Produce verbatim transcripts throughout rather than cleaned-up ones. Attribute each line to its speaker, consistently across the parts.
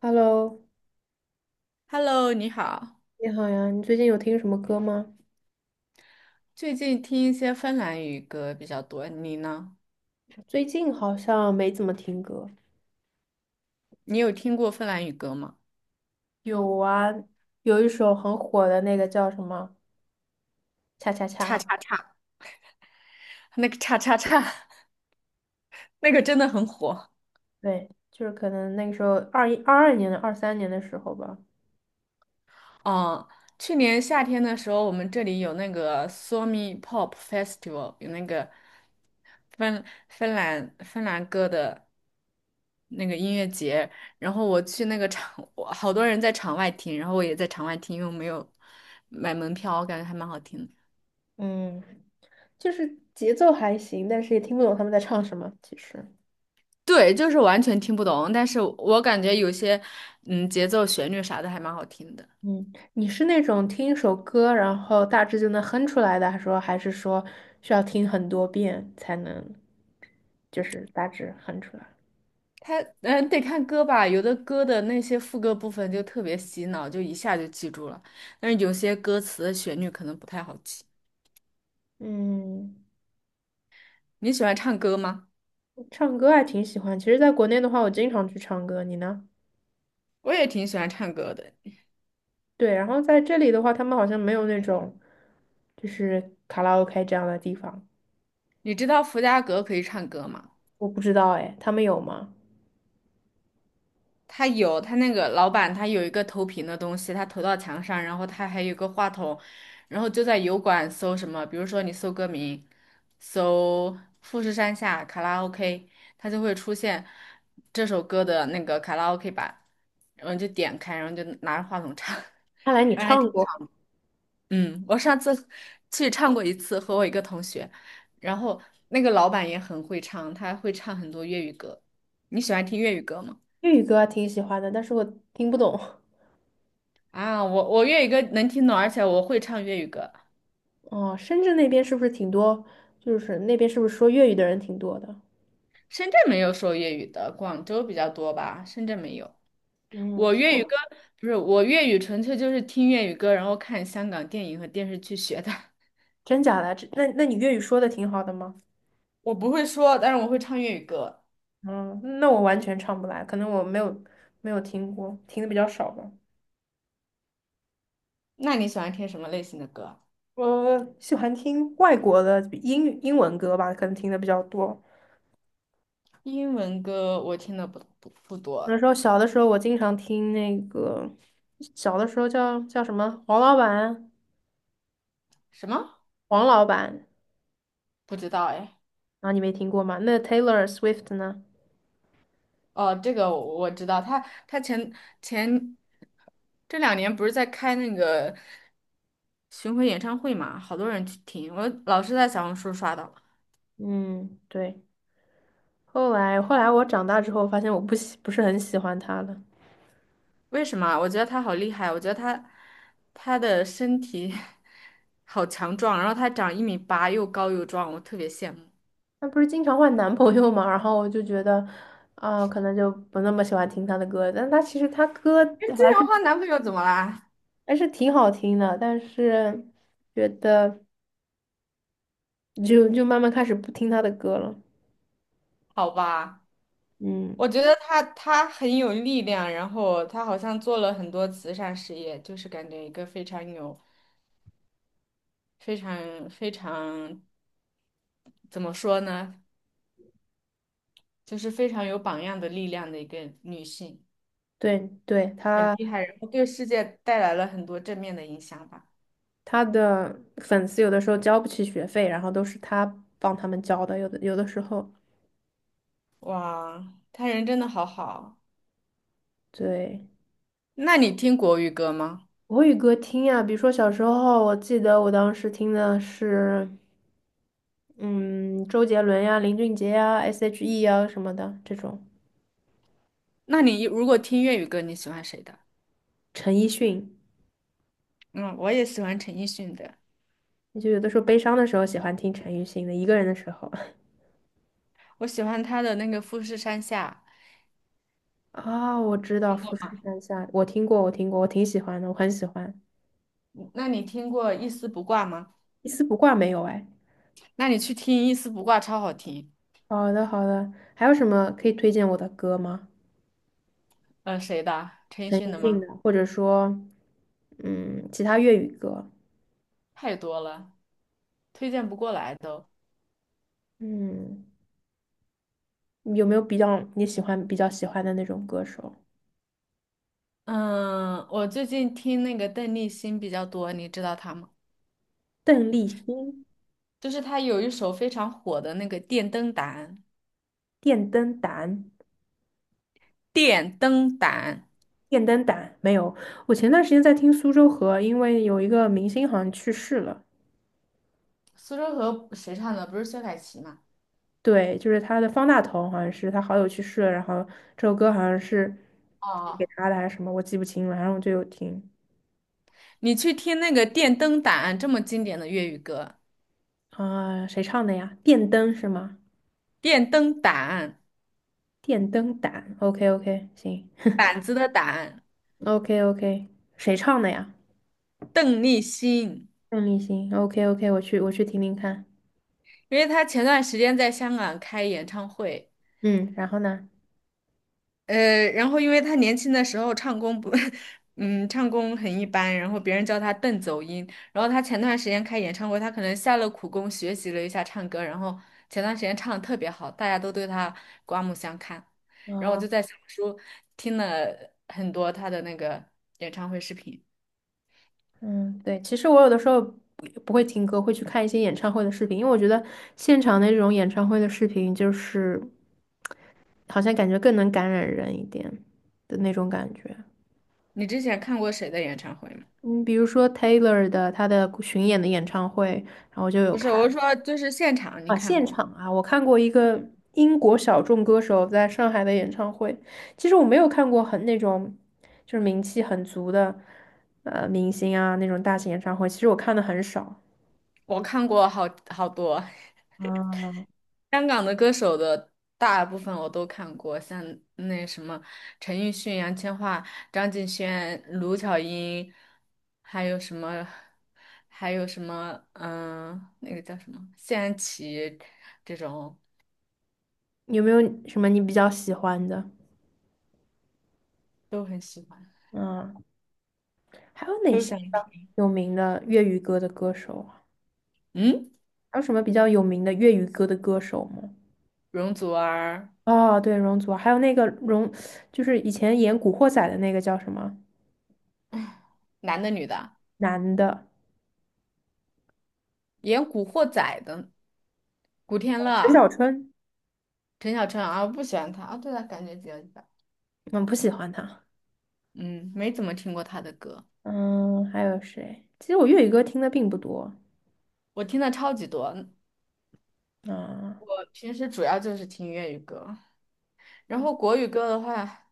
Speaker 1: Hello，
Speaker 2: Hello，你好。
Speaker 1: 你好呀，你最近有听什么歌吗？
Speaker 2: 最近听一些芬兰语歌比较多，你呢？
Speaker 1: 最近好像没怎么听歌。
Speaker 2: 你有听过芬兰语歌吗？
Speaker 1: 有啊，有一首很火的那个叫什么"恰恰恰"，
Speaker 2: 叉
Speaker 1: 啊
Speaker 2: 叉叉，那个叉叉叉，那个真的很火。
Speaker 1: 对，就是可能那个时候二一、二二年的、二三年的时候吧。
Speaker 2: 嗯，去年夏天的时候，我们这里有那个 Suomi Pop Festival，有那个芬芬兰芬兰歌的那个音乐节。然后我去那个场，我好多人在场外听，然后我也在场外听，因为我没有买门票，我感觉还蛮好听的。
Speaker 1: 嗯，就是节奏还行，但是也听不懂他们在唱什么。其实，
Speaker 2: 对，就是完全听不懂，但是我感觉有些嗯节奏、旋律啥的还蛮好听的。
Speaker 1: 嗯，你是那种听一首歌，然后大致就能哼出来的，还是说还是说需要听很多遍才能，就是大致哼出来？
Speaker 2: 它嗯得看歌吧，有的歌的那些副歌部分就特别洗脑，就一下就记住了，但是有些歌词的旋律可能不太好记。
Speaker 1: 嗯。
Speaker 2: 你喜欢唱歌吗？
Speaker 1: 唱歌还挺喜欢。其实，在国内的话，我经常去唱歌。你呢？
Speaker 2: 我也挺喜欢唱歌的。
Speaker 1: 对，然后在这里的话，他们好像没有那种就是卡拉 OK 这样的地方，
Speaker 2: 你知道伏家格可以唱歌吗？
Speaker 1: 我不知道哎，他们有吗？
Speaker 2: 他有他那个老板，他有一个投屏的东西，他投到墙上，然后他还有一个话筒，然后就在油管搜什么，比如说你搜歌名，搜富士山下卡拉 OK，它就会出现这首歌的那个卡拉 OK 版，然后你就点开，然后就拿着话筒唱，
Speaker 1: 看来你
Speaker 2: 反正还挺
Speaker 1: 唱过
Speaker 2: 爽。嗯，我上次去唱过一次，和我一个同学，然后那个老板也很会唱，他会唱很多粤语歌。你喜欢听粤语歌吗？
Speaker 1: 粤语歌，还挺喜欢的，但是我听不懂。
Speaker 2: 啊，我我粤语歌能听懂，而且我会唱粤语歌。
Speaker 1: 哦，深圳那边是不是挺多？就是那边是不是说粤语的人挺多的？
Speaker 2: 深圳没有说粤语的，广州比较多吧，深圳没有。
Speaker 1: 嗯，
Speaker 2: 我
Speaker 1: 是
Speaker 2: 粤语歌不是我粤语，纯粹就是听粤语歌，然后看香港电影和电视剧学的。
Speaker 1: 真假的？这那那你粤语说的挺好的吗？
Speaker 2: 我不会说，但是我会唱粤语歌。
Speaker 1: 嗯，那我完全唱不来，可能我没有没有听过，听的比较少吧。
Speaker 2: 那你喜欢听什么类型的歌？
Speaker 1: 我喜欢听外国的比英英文歌吧，可能听的比较多。
Speaker 2: 英文歌我听的不不不多，
Speaker 1: 那时候小的时候，我经常听那个，小的时候叫叫什么黄老板，
Speaker 2: 什么
Speaker 1: 黄老板
Speaker 2: 不知道哎。
Speaker 1: 啊，你没听过吗？那 Taylor Swift 呢？
Speaker 2: 哦，这个我我知道，他他前前这两年不是在开那个。巡回演唱会嘛，好多人去听，我老是在小红书刷到。
Speaker 1: 嗯，对。后来后来我长大之后，发现我不喜不是很喜欢她了。
Speaker 2: 为什么啊我觉得他好厉害，我觉得他他的身体 好强壮，然后他长一米八，又高又壮，我特别羡慕。
Speaker 1: 她不是经常换男朋友嘛，然后我就觉得，啊、可能就不那么喜欢听她的歌。但她其实她歌
Speaker 2: 哎，这
Speaker 1: 还
Speaker 2: 样的
Speaker 1: 是
Speaker 2: 话男朋友怎么啦？
Speaker 1: 还是挺好听的，但是觉得。就就慢慢开始不听他的歌了。
Speaker 2: 好吧，
Speaker 1: 嗯，
Speaker 2: 我觉得他他很有力量，然后他好像做了很多慈善事业，就是感觉一个非常有、非常非常怎么说呢，就是非常有榜样的力量的一个女性。
Speaker 1: 对对，
Speaker 2: 很
Speaker 1: 他
Speaker 2: 厉害，然后对世界带来了很多正面的影响吧。
Speaker 1: 他的粉丝有的时候交不起学费，然后都是他帮他们交的，有的有的时候，
Speaker 2: 哇，他人真的好好。
Speaker 1: 对，
Speaker 2: 那你听国语歌吗？
Speaker 1: 国语歌听呀，比如说小时候，我记得我当时听的是，嗯，周杰伦呀、林俊杰呀、S.H.E 呀什么的这种，
Speaker 2: 那你如果听粤语歌，你喜欢谁的？
Speaker 1: 陈奕迅。
Speaker 2: 嗯，我也喜欢陈奕迅的，
Speaker 1: 就有的时候悲伤的时候喜欢听陈奕迅的，一个人的时候
Speaker 2: 我喜欢他的那个《富士山下》。
Speaker 1: 啊，我知道《富士山下》，我听过，我听过，我挺喜欢的，我很喜欢。
Speaker 2: 嗯那你听过《一丝不挂》吗？
Speaker 1: 一丝不挂没有哎。
Speaker 2: 那你去听《一丝不挂》，超好听。
Speaker 1: 好的，好的。还有什么可以推荐我的歌吗？
Speaker 2: 呃，谁的？陈奕
Speaker 1: 陈
Speaker 2: 迅的
Speaker 1: 奕迅的，
Speaker 2: 吗？
Speaker 1: 或者说，嗯，其他粤语歌。
Speaker 2: 太多了，推荐不过来都。
Speaker 1: 嗯，有没有比较你喜欢、比较喜欢的那种歌手？
Speaker 2: 嗯，我最近听那个邓丽欣比较多，你知道她吗？
Speaker 1: 邓丽欣、
Speaker 2: 就是他有一首非常火的那个电灯胆，
Speaker 1: 电灯胆、
Speaker 2: 电灯胆，
Speaker 1: 电灯胆没有。我前段时间在听苏州河，因为有一个明星好像去世了。
Speaker 2: 苏州河谁唱的？不是薛凯琪吗？
Speaker 1: 对，就是他的方大同，好像是他好友去世了，然后这首歌好像是给
Speaker 2: 哦，
Speaker 1: 他的还是什么，我记不清了。然后我就有听。
Speaker 2: 你去听那个电灯胆这么经典的粤语歌，
Speaker 1: 啊，谁唱的呀？电灯是吗？
Speaker 2: 电灯胆，
Speaker 1: 电灯胆，OK OK，行
Speaker 2: 胆子的胆，
Speaker 1: ，OK OK，谁唱的呀？
Speaker 2: 邓丽欣，
Speaker 1: 邓丽欣，OK OK，我去我去听听看。
Speaker 2: 因为她前段时间在香港开演唱会，
Speaker 1: 嗯，然后呢？
Speaker 2: 呃，然后因为他年轻的时候唱功不，嗯，唱功很一般，然后别人叫他邓走音。然后他前段时间开演唱会，他可能下了苦功学习了一下唱歌，然后前段时间唱的特别好，大家都对他刮目相看。然后我
Speaker 1: 啊，
Speaker 2: 就在小红书听了很多他的那个演唱会视频。
Speaker 1: 嗯，对，其实我有的时候不不会听歌，会去看一些演唱会的视频，因为我觉得现场的这种演唱会的视频，就是好像感觉更能感染人一点的那种感觉。
Speaker 2: 你之前看过谁的演唱会吗？
Speaker 1: 嗯，比如说 Taylor 的她的巡演的演唱会，然后我就有
Speaker 2: 不是，
Speaker 1: 看。
Speaker 2: 我是说就是现场你
Speaker 1: 啊，
Speaker 2: 看
Speaker 1: 现
Speaker 2: 过吗？
Speaker 1: 场啊，我看过一个英国小众歌手在上海的演唱会。其实我没有看过很那种就是名气很足的呃明星啊那种大型演唱会，其实我看的很少。
Speaker 2: 我看过好好多。
Speaker 1: 啊。
Speaker 2: 香港的歌手的大部分我都看过，像那什么陈奕迅、杨千嬅、张敬轩、卢巧音，还有什么，还有什么，嗯、那个叫什么谢安琪，这种
Speaker 1: 有没有什么你比较喜欢的？
Speaker 2: 都很喜欢，
Speaker 1: 嗯，还有哪
Speaker 2: 都
Speaker 1: 些
Speaker 2: 想听。
Speaker 1: 有名的粤语歌的歌手啊？
Speaker 2: 嗯，
Speaker 1: 还有什么比较有名的粤语歌的歌手吗？
Speaker 2: 容祖儿，
Speaker 1: 哦，对，容祖儿，还有那个容，就是以前演《古惑仔》的那个叫什么
Speaker 2: 男的女的，
Speaker 1: 男的，
Speaker 2: 演《古惑仔》的古天
Speaker 1: 陈小
Speaker 2: 乐、
Speaker 1: 春。
Speaker 2: 陈小春啊，我不喜欢他啊，对他感觉比较一般，
Speaker 1: 我不喜欢他。
Speaker 2: 嗯，没怎么听过他的歌，
Speaker 1: 嗯，还有谁？其实我粤语歌听的并不多。
Speaker 2: 我听的超级多。
Speaker 1: 啊。
Speaker 2: 我平时主要就是听粤语歌，然后国语歌的话，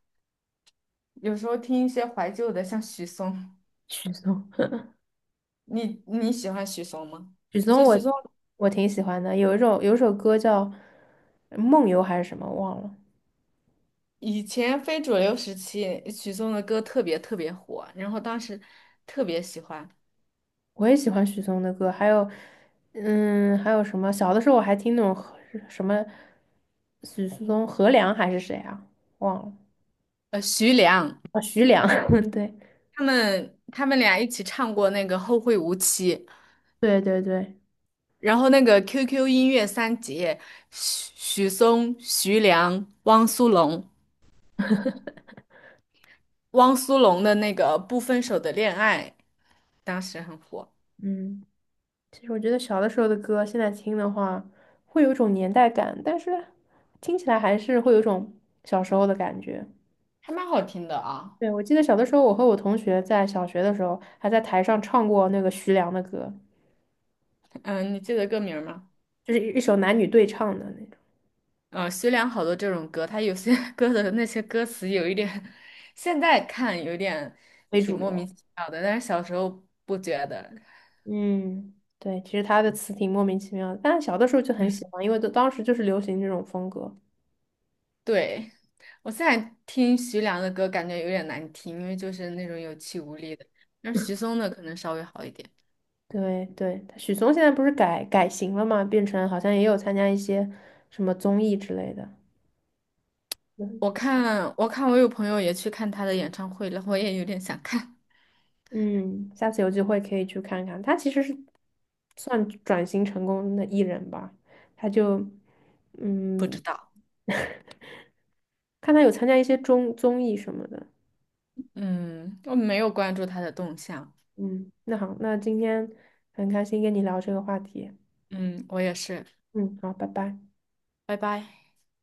Speaker 2: 有时候听一些怀旧的，像许嵩。
Speaker 1: 许嵩，
Speaker 2: 你你喜欢许嵩吗？
Speaker 1: 许
Speaker 2: 我觉
Speaker 1: 嵩
Speaker 2: 得许
Speaker 1: 我
Speaker 2: 嵩
Speaker 1: 我挺喜欢的，有一首有一首歌叫呃梦游》还是什么忘了。
Speaker 2: 以前非主流时期，许嵩的歌特别特别火，然后当时特别喜欢。
Speaker 1: 我也喜欢许嵩的歌，还有嗯，还有什么？小的时候我还听那种和什么许嵩、何良还是谁啊？忘了
Speaker 2: 呃，徐良
Speaker 1: 啊，徐良。对
Speaker 2: 他们他们俩一起唱过那个《后会无期》，
Speaker 1: 对对对，
Speaker 2: 然后那个 Q Q 音乐三杰，许许嵩、徐良、汪苏泷，汪苏泷的那个《不分手的恋爱》。当时很火。
Speaker 1: 嗯，其实我觉得小的时候的歌，现在听的话，会有一种年代感，但是听起来还是会有一种小时候的感觉。
Speaker 2: 还蛮好听的啊。
Speaker 1: 对，我记得小的时候，我和我同学在小学的时候，还在台上唱过那个徐良的歌，
Speaker 2: 嗯，你记得歌名儿吗？
Speaker 1: 就是一一首男女对唱的那种，
Speaker 2: 嗯，徐良好多这种歌，他有些 歌的那些歌词有一点，现在看有点
Speaker 1: 非
Speaker 2: 挺
Speaker 1: 主
Speaker 2: 莫名
Speaker 1: 流。
Speaker 2: 其妙的，但是小时候不觉得。
Speaker 1: 嗯，对，其实他的词挺莫名其妙的，但小的时候就很喜欢，因为都当时就是流行这种风格。
Speaker 2: 对，我现在听徐良的歌，感觉有点难听，因为就是那种有气无力的。但是徐嵩的可能稍微好一点。
Speaker 1: 对对，许嵩现在不是改改型了嘛，变成好像也有参加一些什么综艺之类的。
Speaker 2: 我看，我看，我有朋友也去看他的演唱会了，我也有点想看，
Speaker 1: 嗯，下次有机会可以去看看。他其实是算转型成功的艺人吧，他就
Speaker 2: 不
Speaker 1: 嗯，
Speaker 2: 知道。
Speaker 1: 看他有参加一些综综艺什么的。
Speaker 2: 嗯，我没有关注他的动向。
Speaker 1: 嗯，那好，那今天很开心跟你聊这个话题。
Speaker 2: 嗯，我也是。
Speaker 1: 嗯，好，拜拜。
Speaker 2: 拜拜。